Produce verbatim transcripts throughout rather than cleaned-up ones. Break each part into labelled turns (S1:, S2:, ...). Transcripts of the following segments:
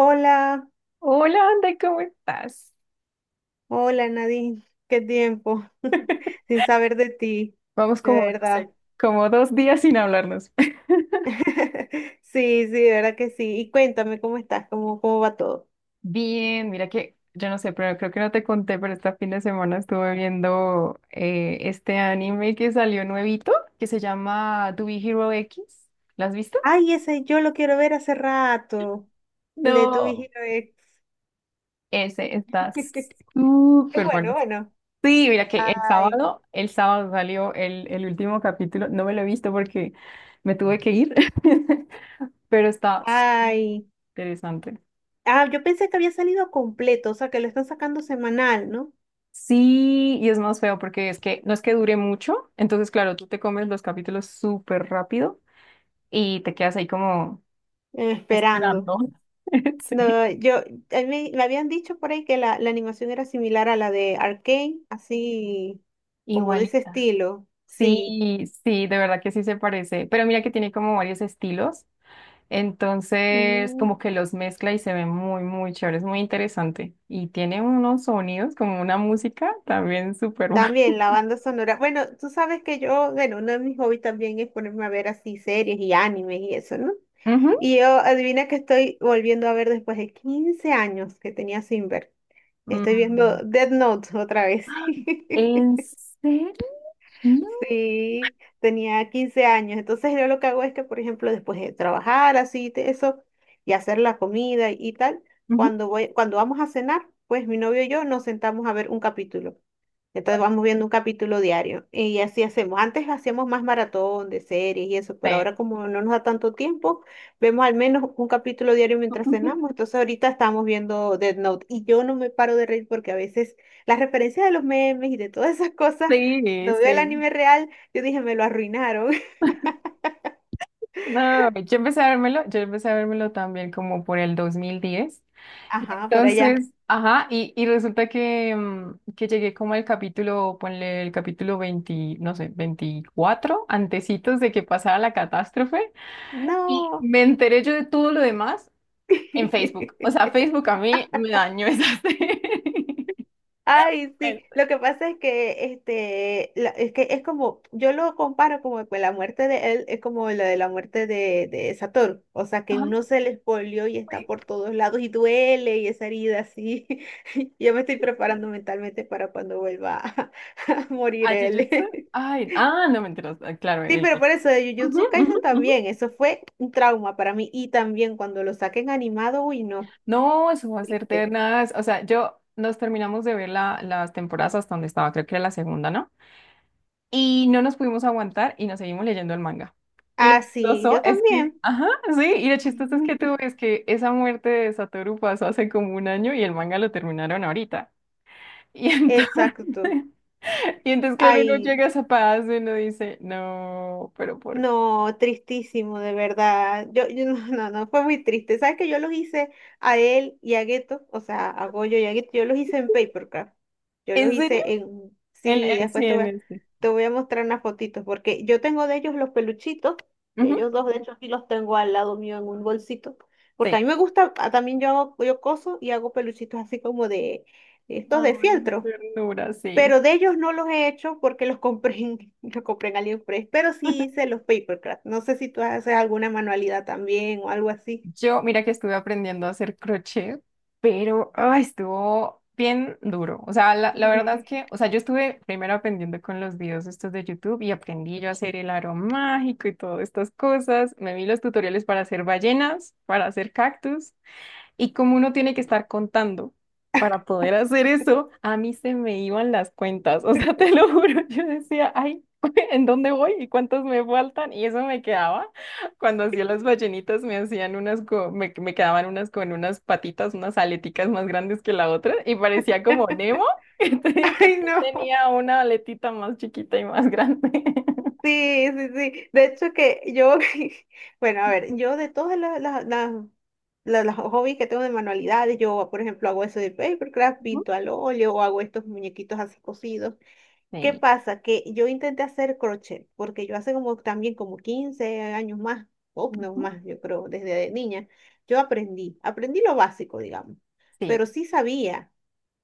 S1: Hola,
S2: Hola, Andy, ¿cómo estás?
S1: hola Nadine, qué tiempo sin saber de ti,
S2: Vamos
S1: de
S2: como, no
S1: verdad.
S2: sé, como dos días sin hablarnos.
S1: Sí, sí, de verdad que sí. Y cuéntame cómo estás, cómo, cómo va todo.
S2: Bien, mira que, yo no sé, pero creo que no te conté, pero este fin de semana estuve viendo eh, este anime que salió nuevito, que se llama To Be Hero X. ¿Lo has visto?
S1: Ay, ese yo lo quiero ver hace rato, el de tu
S2: No.
S1: vigilo ex.
S2: Ese está
S1: Es
S2: súper
S1: bueno,
S2: bueno.
S1: bueno.
S2: Sí, mira que el
S1: Ay,
S2: sábado, el sábado salió el, el último capítulo. No me lo he visto porque me tuve que ir, pero está
S1: ay.
S2: interesante.
S1: Ah, yo pensé que había salido completo, o sea, que lo están sacando semanal, ¿no?
S2: Sí, y es más feo porque es que no es que dure mucho, entonces claro, tú te comes los capítulos súper rápido y te quedas ahí como
S1: Eh, esperando.
S2: esperando. Sí,
S1: No, yo, a mí me habían dicho por ahí que la, la animación era similar a la de Arcane, así como de ese
S2: igualita.
S1: estilo, sí.
S2: Sí, sí, de verdad que sí se parece, pero mira que tiene como varios estilos, entonces
S1: Mm,
S2: como que los mezcla y se ve muy, muy chévere, es muy interesante y tiene unos sonidos como una música también súper buena.
S1: también la banda sonora. Bueno, tú sabes que yo, bueno, uno de mis hobbies también es ponerme a ver así series y animes y eso, ¿no?
S2: Ujú.
S1: Y yo, adivina que estoy volviendo a ver después de quince años que tenía sin ver. Estoy viendo
S2: Mm.
S1: Death Note otra vez.
S2: ¿En serio?
S1: Sí, tenía quince años. Entonces yo lo que hago es que, por ejemplo, después de trabajar así, te- eso, y hacer la comida y tal,
S2: Ujú.
S1: cuando voy, cuando vamos a cenar, pues mi novio y yo nos sentamos a ver un capítulo. Entonces vamos viendo un capítulo diario y así hacemos. Antes hacíamos más maratón de series y eso, pero
S2: Sí.
S1: ahora como no nos da tanto tiempo, vemos al menos un capítulo diario mientras cenamos. Entonces ahorita estamos viendo Dead Note y yo no me paro de reír porque a veces las referencias de los memes y de todas esas cosas,
S2: Sí,
S1: cuando veo el
S2: sí.
S1: anime real, yo dije, me lo arruinaron.
S2: No, yo empecé a vérmelo, yo empecé a vérmelo también como por el dos mil diez. Y
S1: Ajá, por allá.
S2: entonces, ajá, y, y resulta que, mm, que llegué como al capítulo, ponle el capítulo veinte, no sé, veinticuatro, antecitos de que pasara la catástrofe. Y
S1: No.
S2: me enteré yo de todo lo demás en Facebook. O sea, Facebook a mí me dañó esa serie.
S1: Ay, sí, lo que pasa es que este la- es que es como yo lo comparo como con la muerte de él, es como la de la muerte de de Satoru, o sea, que
S2: Ajá,
S1: uno se le espolió y está
S2: sí.
S1: por todos lados y duele y esa herida así. Yo me estoy preparando mentalmente para cuando vuelva a, a morir
S2: ¿A
S1: él.
S2: Jujutsu? Ay, ah, no me enteras. Claro,
S1: Sí,
S2: el...
S1: pero
S2: el-
S1: por eso de
S2: Ujú,
S1: Jujutsu Kaisen
S2: ujú,
S1: también,
S2: ujú.
S1: eso fue un trauma para mí y también cuando lo saquen animado, uy, no,
S2: No, eso va a ser
S1: triste.
S2: ternas. O sea, yo nos terminamos de ver la- las temporadas hasta donde estaba, creo que era la segunda, ¿no? Y no nos pudimos aguantar y nos seguimos leyendo el manga. Y lo
S1: Ah, sí,
S2: chistoso
S1: yo
S2: es que,
S1: también.
S2: ajá, sí, y lo chistoso es que tú ves que esa muerte de Satoru pasó hace como un año y el manga lo terminaron ahorita. Y entonces,
S1: Exacto.
S2: y entonces claro, uno
S1: Ay,
S2: llega a esa paz y uno dice, no, pero ¿por qué?
S1: no, tristísimo, de verdad. Yo, yo no, no, no, fue muy triste. ¿Sabes que yo los hice a él y a Gueto? O sea, a Goyo y a Gueto, yo los hice en Papercraft. Yo los
S2: ¿En serio?
S1: hice en.
S2: En,
S1: Sí,
S2: en, sí,
S1: después te voy
S2: en
S1: a,
S2: este.
S1: te voy a mostrar unas fotitos, porque yo tengo de ellos los peluchitos, de
S2: Ujú,
S1: ellos dos, de hecho, aquí los tengo al lado mío en un bolsito, porque a
S2: sí.
S1: mí me gusta, ah, también yo hago, yo coso y hago peluchitos así como de, de estos de
S2: Ay,
S1: fieltro.
S2: ternura, sí.
S1: Pero de ellos no los he hecho porque los compré en, los compré en AliExpress, pero sí hice los paper papercraft. No sé si tú haces alguna manualidad también o algo así.
S2: Yo, mira que estuve aprendiendo a hacer crochet, pero ay, estuvo bien duro. O sea, la, la verdad es que, o sea, yo estuve primero aprendiendo con los videos estos de YouTube y aprendí yo a hacer el aro mágico y todas estas cosas. Me vi los tutoriales para hacer ballenas, para hacer cactus. Y como uno tiene que estar contando para poder hacer eso, a mí se me iban las cuentas. O sea, te lo juro, yo decía, ay, ¿en dónde voy y cuántos me faltan? Y eso me quedaba. Cuando hacía las ballenitas me hacían unas, co- me, me quedaban unas con unas patitas, unas aleticas más grandes que la otra y parecía como Nemo. Entonces él
S1: Ay, no.
S2: tenía una aletita más chiquita y más grande.
S1: Sí, sí, sí. De hecho que yo, bueno, a ver, yo de todas las, las, las, las- las hobbies que tengo de manualidades, yo, por ejemplo, hago eso de papercraft,
S2: Ujú,
S1: pinto al óleo o hago estos muñequitos así cosidos. ¿Qué
S2: sí,
S1: pasa? Que yo intenté hacer crochet, porque yo hace como también como quince años más, o no
S2: ujú,
S1: más, yo creo, desde niña, yo aprendí, aprendí lo básico, digamos,
S2: sí.
S1: pero sí sabía,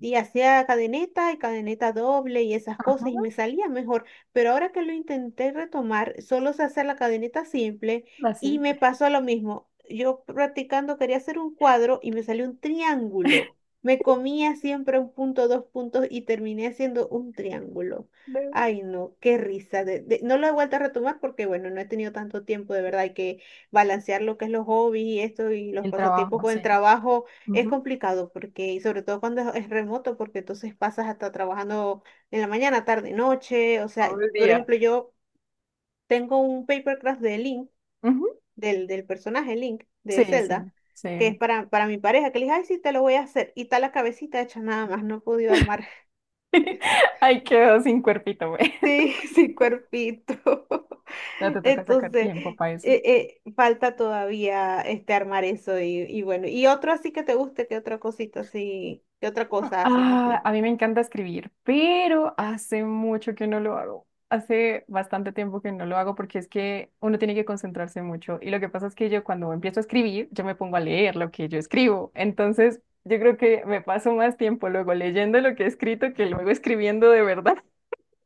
S1: y hacía cadeneta y cadeneta doble y esas
S2: Ajá,
S1: cosas y me salía mejor. Pero ahora que lo intenté retomar, solo sé hacer la cadeneta simple y
S2: así.
S1: me pasó lo mismo. Yo practicando quería hacer un cuadro y me salió un triángulo. Me comía siempre un punto, dos puntos y terminé haciendo un triángulo.
S2: de-
S1: Ay, no, qué risa. de- de- no lo he vuelto a retomar porque, bueno, no he tenido tanto tiempo, de verdad. Hay que balancear lo que es los hobbies y esto y los
S2: El
S1: pasatiempos
S2: trabajo,
S1: con
S2: sí.
S1: el trabajo. Es
S2: Ujú.
S1: complicado porque, y sobre todo cuando es es remoto, porque entonces pasas hasta trabajando en la mañana, tarde, noche. O
S2: Todo
S1: sea,
S2: el
S1: por
S2: día.
S1: ejemplo, yo tengo un paper craft de Link,
S2: Ujú,
S1: del, del personaje Link de
S2: sí, sí,
S1: Zelda, que es
S2: sí.
S1: para, para mi pareja, que le dije, ay, sí, te lo voy a hacer. Y está la cabecita hecha nada más, no he podido armar.
S2: Ahí quedó sin cuerpito, güey.
S1: Sí, sí, cuerpito.
S2: Ya te toca sacar
S1: Entonces,
S2: tiempo
S1: eh,
S2: para eso.
S1: eh, falta todavía este armar eso y, y bueno. Y otro así que te guste, ¿qué otra cosita así, qué otra cosa haces
S2: Ah,
S1: así?
S2: a mí me encanta escribir, pero hace mucho que no lo hago. Hace bastante tiempo que no lo hago porque es que uno tiene que concentrarse mucho. Y lo que pasa es que yo cuando empiezo a escribir, yo me pongo a leer lo que yo escribo. Entonces, yo creo que me paso más tiempo luego leyendo lo que he escrito que luego escribiendo de verdad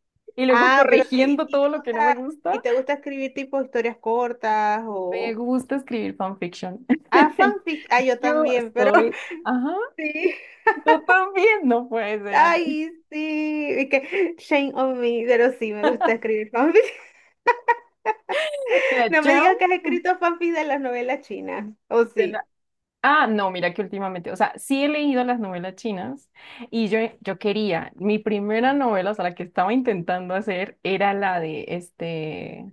S2: y luego
S1: Ah, pero ¿y,
S2: corrigiendo
S1: y te
S2: todo lo que no me
S1: gusta,
S2: gusta.
S1: y te gusta escribir tipo historias cortas
S2: Me
S1: o...
S2: gusta escribir fanfiction.
S1: Ah, fanfic. Ah, yo
S2: Yo
S1: también, pero
S2: soy, ajá,
S1: sí.
S2: tú también, no puede ser, Andrea.
S1: Ay, sí. Y que shame on me, pero sí, me gusta escribir fanfic.
S2: Mira,
S1: No me digas
S2: chao.
S1: que has escrito fanfic de las novelas chinas. O
S2: de la-
S1: sí,
S2: Ah, no, mira que últimamente, o sea, sí he leído las novelas chinas y yo, yo quería, mi primera novela, o sea, la que estaba intentando hacer era la de este,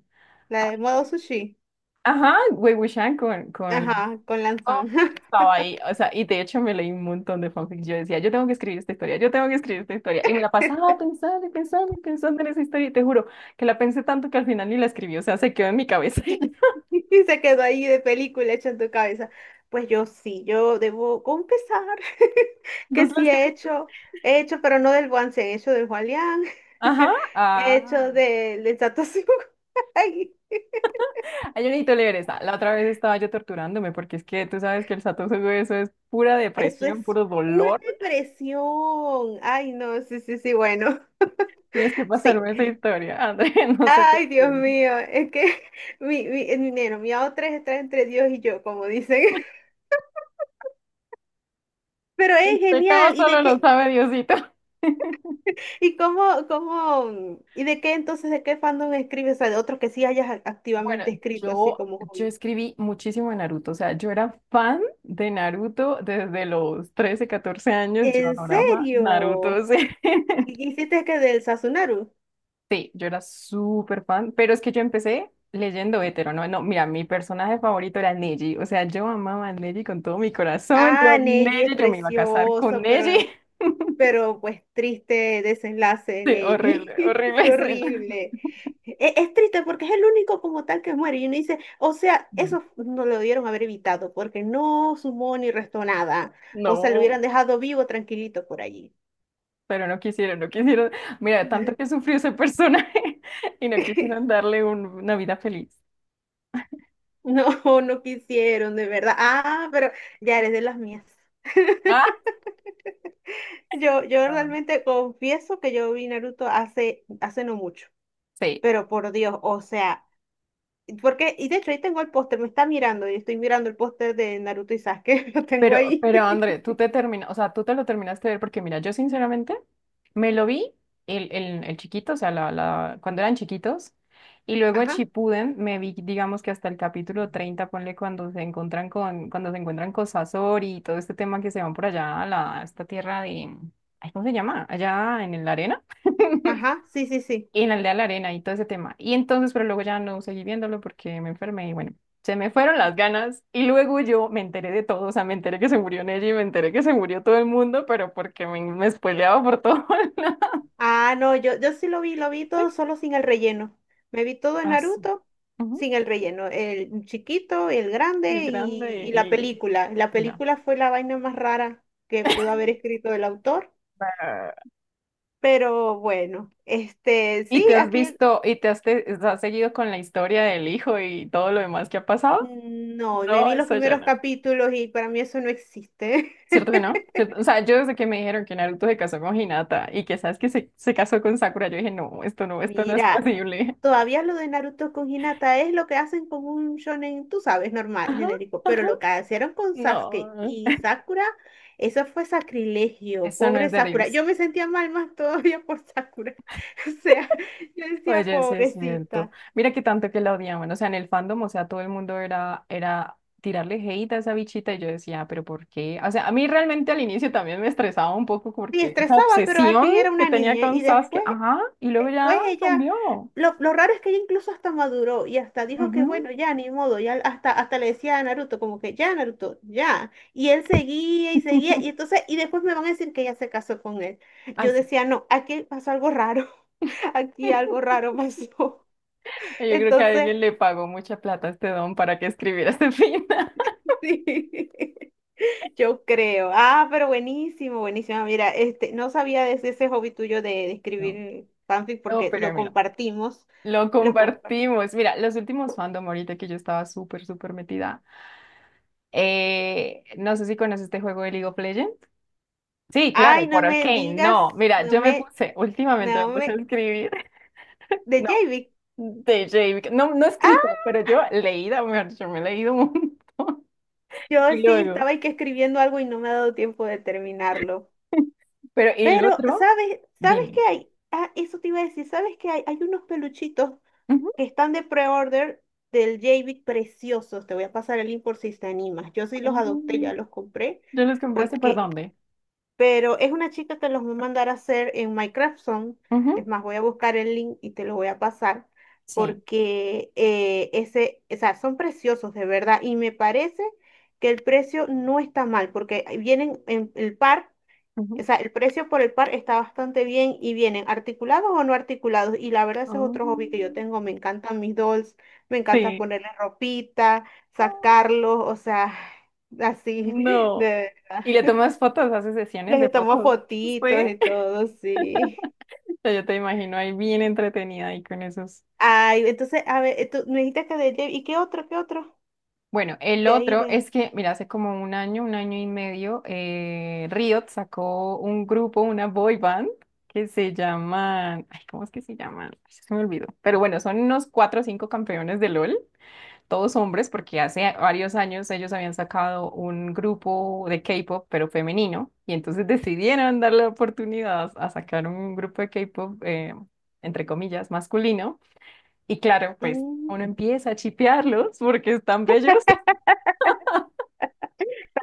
S1: la de modo sushi.
S2: ajá, Wei Wuxian con, con.
S1: Ajá, con
S2: Oh,
S1: Lanzan.
S2: yo estaba ahí, o sea, y de hecho me leí un montón de fanfics. Yo decía, yo tengo que escribir esta historia, yo tengo que escribir esta historia. Y me la pasaba pensando y pensando y pensando en esa historia. Y te juro que la pensé tanto que al final ni la escribí, o sea, se quedó en mi cabeza. Y ya.
S1: Y se quedó ahí de película hecha en tu cabeza. Pues yo sí, yo debo confesar que
S2: Entonces la
S1: sí he
S2: escribí.
S1: hecho, he hecho, pero no del Guansen, he hecho del Juan Liang,
S2: Ajá,
S1: he hecho
S2: ah.
S1: del del Satoshi. Ay,
S2: Ay, yo necesito leer esa. La otra vez estaba yo torturándome porque es que tú sabes que el Satosu eso es pura
S1: eso
S2: depresión,
S1: es
S2: puro
S1: pura
S2: dolor.
S1: depresión. Ay, no, sí, sí, sí, bueno,
S2: Tienes que
S1: sí.
S2: pasarme esa historia, André, no se te
S1: Ay, Dios
S2: olvide.
S1: mío, es que mi, mi, mi, bueno, mi A O tres está entre Dios y yo, como dicen. Pero es
S2: Pecado
S1: genial. ¿Y
S2: solo
S1: de
S2: lo
S1: qué?
S2: sabe Diosito.
S1: ¿Y cómo, cómo, y de qué entonces, de qué fandom escribes? O sea, de otros que sí hayas ac-
S2: Bueno,
S1: activamente escrito así
S2: yo,
S1: como
S2: yo
S1: hobby.
S2: escribí muchísimo de Naruto, o sea, yo era fan de Naruto desde los trece, catorce años, yo
S1: ¿En
S2: adoraba Naruto,
S1: serio?
S2: sí.
S1: ¿Y hiciste que del Sasunaru?
S2: Sí, yo era súper fan, pero es que yo empecé leyendo hetero, ¿no? No, mira, mi personaje favorito era Neji, o sea, yo amaba a Neji con todo mi corazón, yo
S1: Ah, Neji es
S2: Neji, yo me iba a casar con
S1: precioso, pero,
S2: Neji.
S1: pero pues triste desenlace de
S2: Sí, horrible,
S1: Neji.
S2: horrible suena.
S1: Horrible. E- Es, triste porque es el único como tal que muere. Y uno dice, o sea,
S2: Mm.
S1: eso no lo debieron haber evitado porque no sumó ni restó nada. O sea, lo hubieran
S2: No.
S1: dejado vivo tranquilito por allí.
S2: Pero no quisieron, no quisieron. Mira, tanto que sufrió ese personaje y no quisieron darle un- una vida feliz.
S1: No, no quisieron, de verdad. Ah, pero ya eres de las mías.
S2: Ah,
S1: Yo, yo
S2: Ah, bueno.
S1: realmente confieso que yo vi Naruto hace, hace no mucho,
S2: Sí,
S1: pero por Dios, o sea, porque, y de hecho ahí tengo el póster, me está mirando y estoy mirando el póster de Naruto y Sasuke, lo tengo
S2: pero,
S1: ahí.
S2: pero André, tú te terminas, o sea, tú te lo terminaste de ver porque mira, yo sinceramente me lo vi el, el, el chiquito, o sea, la, la, cuando eran chiquitos, y luego
S1: Ajá,
S2: Chipuden me vi, digamos que hasta el capítulo treinta ponle cuando se encuentran con, cuando se encuentran con Sasori y todo este tema que se van por allá a la, a esta tierra de, ay, ¿cómo se llama? Allá en la arena.
S1: ajá, sí, sí, sí.
S2: Y en la aldea de la arena y todo ese tema. Y entonces, pero luego ya no seguí viéndolo porque me enfermé y bueno, se me fueron las ganas. Y luego yo me enteré de todo, o sea, me enteré que se murió Nelly, me enteré que se murió todo el mundo, pero porque me, me spoileaba por todo. Lado.
S1: Ah, no, yo, yo sí lo vi, lo vi todo solo sin el relleno. Me vi todo en
S2: Ah, sí.
S1: Naruto
S2: Ujú.
S1: sin el relleno. El chiquito, el
S2: El
S1: grande y,
S2: grande
S1: y la
S2: y,
S1: película. La
S2: y ya.
S1: película fue la vaina más rara que pudo haber escrito el autor.
S2: Ah,
S1: Pero bueno, este, sí,
S2: ¿y te has
S1: aquí
S2: visto y te has, te- has seguido con la historia del hijo y todo lo demás que ha pasado?
S1: mm, no, me
S2: No,
S1: vi los
S2: eso ya
S1: primeros
S2: no.
S1: capítulos y para mí eso no existe.
S2: ¿Cierto que no? ¿Cierto? O sea, yo desde que me dijeron que Naruto se casó con Hinata y que sabes que se, se casó con Sakura, yo dije, no, esto no, esto no es
S1: Mira,
S2: posible.
S1: todavía lo de Naruto con Hinata es lo que hacen con un shonen, tú sabes, normal,
S2: Ajá,
S1: genérico, pero
S2: ajá,
S1: lo que hicieron con Sasuke
S2: no.
S1: y Sakura, eso fue sacrilegio,
S2: Eso no
S1: pobre
S2: es de
S1: Sakura.
S2: Dios.
S1: Yo me sentía mal más todavía por Sakura. O sea, yo decía,
S2: Oye, sí es cierto.
S1: pobrecita.
S2: Mira que tanto que la odiaban. O sea, en el fandom, o sea, todo el mundo era, era tirarle hate a esa bichita y yo decía, pero ¿por qué? O sea, a mí realmente al inicio también me estresaba un poco
S1: Sí,
S2: porque esa
S1: estresaba, pero al
S2: obsesión
S1: fin era
S2: que
S1: una
S2: tenía
S1: niña
S2: con
S1: y
S2: Sasuke,
S1: después.
S2: ajá, y luego
S1: Después
S2: ya
S1: ella,
S2: cambió.
S1: lo, lo raro es que ella incluso hasta maduró y hasta dijo que
S2: Ujú.
S1: bueno, ya ni modo, ya hasta, hasta le decía a Naruto como que ya Naruto, ya. Y él seguía y seguía y entonces, y después me van a decir que ella se casó con él.
S2: Ay,
S1: Yo
S2: sí.
S1: decía, no, aquí pasó algo raro, aquí algo raro pasó.
S2: Yo creo que
S1: Entonces,
S2: alguien le pagó mucha plata a este don para que escribiera este final.
S1: sí, yo creo. Ah, pero buenísimo, buenísimo. Mira, este, no sabía de ese ese hobby tuyo de, de
S2: No.
S1: escribir fanfic
S2: No,
S1: porque
S2: pero
S1: lo
S2: mira,
S1: compartimos.
S2: lo
S1: Lo compartimos.
S2: compartimos. Mira, los últimos fandom ahorita que yo estaba súper, súper metida. Eh, no sé si conoces este juego de League of Legends. Sí, claro,
S1: Ay, no
S2: por
S1: me
S2: Arcane.
S1: digas,
S2: No, mira,
S1: no
S2: yo me
S1: me,
S2: puse, últimamente
S1: no
S2: me puse a
S1: me,
S2: escribir.
S1: de
S2: No,
S1: J B.
S2: de J B. No, no
S1: Ah,
S2: escrito, pero yo leída, mejor dicho, me he leído un montón.
S1: yo
S2: Y
S1: sí
S2: luego,
S1: estaba ahí que escribiendo algo y no me ha dado tiempo de terminarlo.
S2: pero y el
S1: Pero,
S2: otro,
S1: ¿sabes, sabes
S2: dime.
S1: qué hay? Ah, eso te iba a decir, ¿sabes qué hay? Hay unos peluchitos
S2: Ujú.
S1: que están de pre-order del J B preciosos. Te voy a pasar el link por si te animas. Yo sí los adopté,
S2: Mm,
S1: ya los compré,
S2: ¿Yo los compraste por
S1: porque
S2: dónde?
S1: Pero es una chica que los voy a mandar a hacer en Minecraft Zone. Es
S2: Ujú,
S1: más, voy a buscar el link y te lo voy a pasar
S2: sí.
S1: porque eh, ese, o sea, son preciosos de verdad y me parece que el precio no está mal porque vienen en el par,
S2: Ujú.
S1: o sea, el precio por el par está bastante bien y vienen articulados o no articulados y la verdad ese es otro hobby que yo
S2: Oh,
S1: tengo. Me encantan mis dolls, me encanta
S2: sí.
S1: ponerle ropita,
S2: Ah,
S1: sacarlos, o sea, así
S2: no.
S1: de verdad.
S2: ¿Y le tomas fotos? ¿Haces sesiones de
S1: Les tomo
S2: fotos?
S1: fotitos
S2: Sí.
S1: y todo, sí.
S2: Ya yo te imagino ahí bien entretenida ahí con esos.
S1: Ay, entonces, a ver, tú me dijiste que de Jeff- ¿y qué otro, qué otro?
S2: Bueno, el
S1: De ahí
S2: otro
S1: de...
S2: es que, mira, hace como un año, un año y medio, eh, Riot sacó un grupo, una boy band, que se llaman, ay, ¿cómo es que se llaman? Ay, se me olvidó. Pero bueno, son unos cuatro o cinco campeones de L O L. Todos hombres, porque hace varios años ellos habían sacado un grupo de K-pop, pero femenino, y entonces decidieron darle la oportunidad a sacar un grupo de K-pop, eh, entre comillas, masculino. Y claro, pues
S1: Mm,
S2: uno empieza a chipearlos porque están bellos.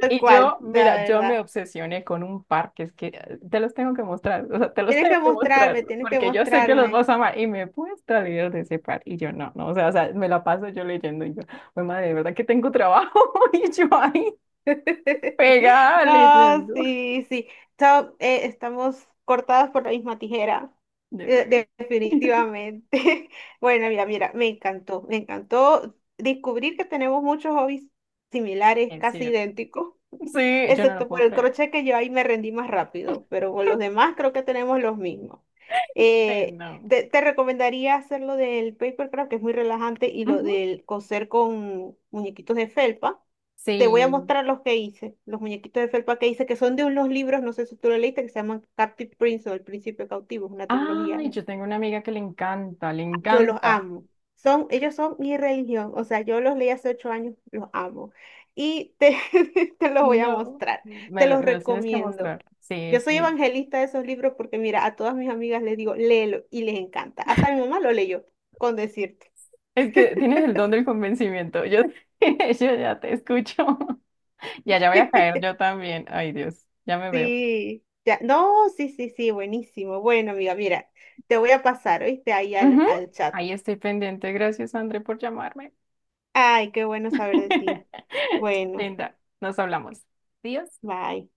S1: tal
S2: Y
S1: cual,
S2: yo,
S1: la
S2: mira, yo me
S1: verdad.
S2: obsesioné con un par que es que eh, te los tengo que mostrar, o sea, te los
S1: Tienes
S2: tengo
S1: que
S2: que mostrar,
S1: mostrarme, tienes que
S2: porque yo sé que los
S1: mostrarme.
S2: vas a amar y me puedes traer videos de ese par y yo no, no, o sea, o sea, me la paso yo leyendo y yo, pues madre, de verdad que tengo trabajo y yo ahí pegada
S1: No,
S2: leyendo.
S1: sí, sí. So, eh, estamos cortadas por la misma tijera.
S2: Yo
S1: Eh,
S2: creo que
S1: de- definitivamente. Bueno, mira, mira, me encantó, me encantó descubrir que tenemos muchos hobbies similares,
S2: es
S1: casi
S2: cierto.
S1: idénticos.
S2: Sí, yo no lo
S1: Excepto por
S2: puedo
S1: el
S2: creer.
S1: crochet que yo ahí me rendí más rápido, pero con los demás creo que tenemos los mismos.
S2: Sí,
S1: Eh,
S2: no.
S1: te, te recomendaría hacer lo del papercraft, que es muy relajante, y lo
S2: Ujú.
S1: del coser con muñequitos de felpa. Te voy a
S2: Sí.
S1: mostrar los que hice, los muñequitos de felpa que hice, que son de unos libros, no sé si tú lo leíste, que se llaman Captive Prince o El Príncipe Cautivo, es una trilogía.
S2: Ay, yo tengo una amiga que le encanta, le
S1: Yo los
S2: encanta.
S1: amo. Son, ellos son mi religión. O sea, yo los leí hace ocho años, los amo. Y te, te los voy a
S2: No.
S1: mostrar, te
S2: Me lo,
S1: los
S2: me los tienes que
S1: recomiendo.
S2: mostrar. Sí,
S1: Yo soy
S2: sí.
S1: evangelista de esos libros porque, mira, a todas mis amigas les digo, léelo y les encanta. Hasta mi mamá lo leyó, con decirte.
S2: Es que tienes el don del convencimiento. Yo, yo ya te escucho. Ya, ya voy a caer yo también. Ay, Dios, ya me veo.
S1: Sí, ya. No, sí, sí, sí, buenísimo. Bueno, amiga, mira, te voy a pasar, ¿oíste? Ahí al,
S2: Ujú.
S1: al chat.
S2: Ahí estoy pendiente. Gracias, André, por llamarme.
S1: Ay, qué bueno saber de ti. Bueno,
S2: Linda, nos hablamos. Adiós.
S1: bye.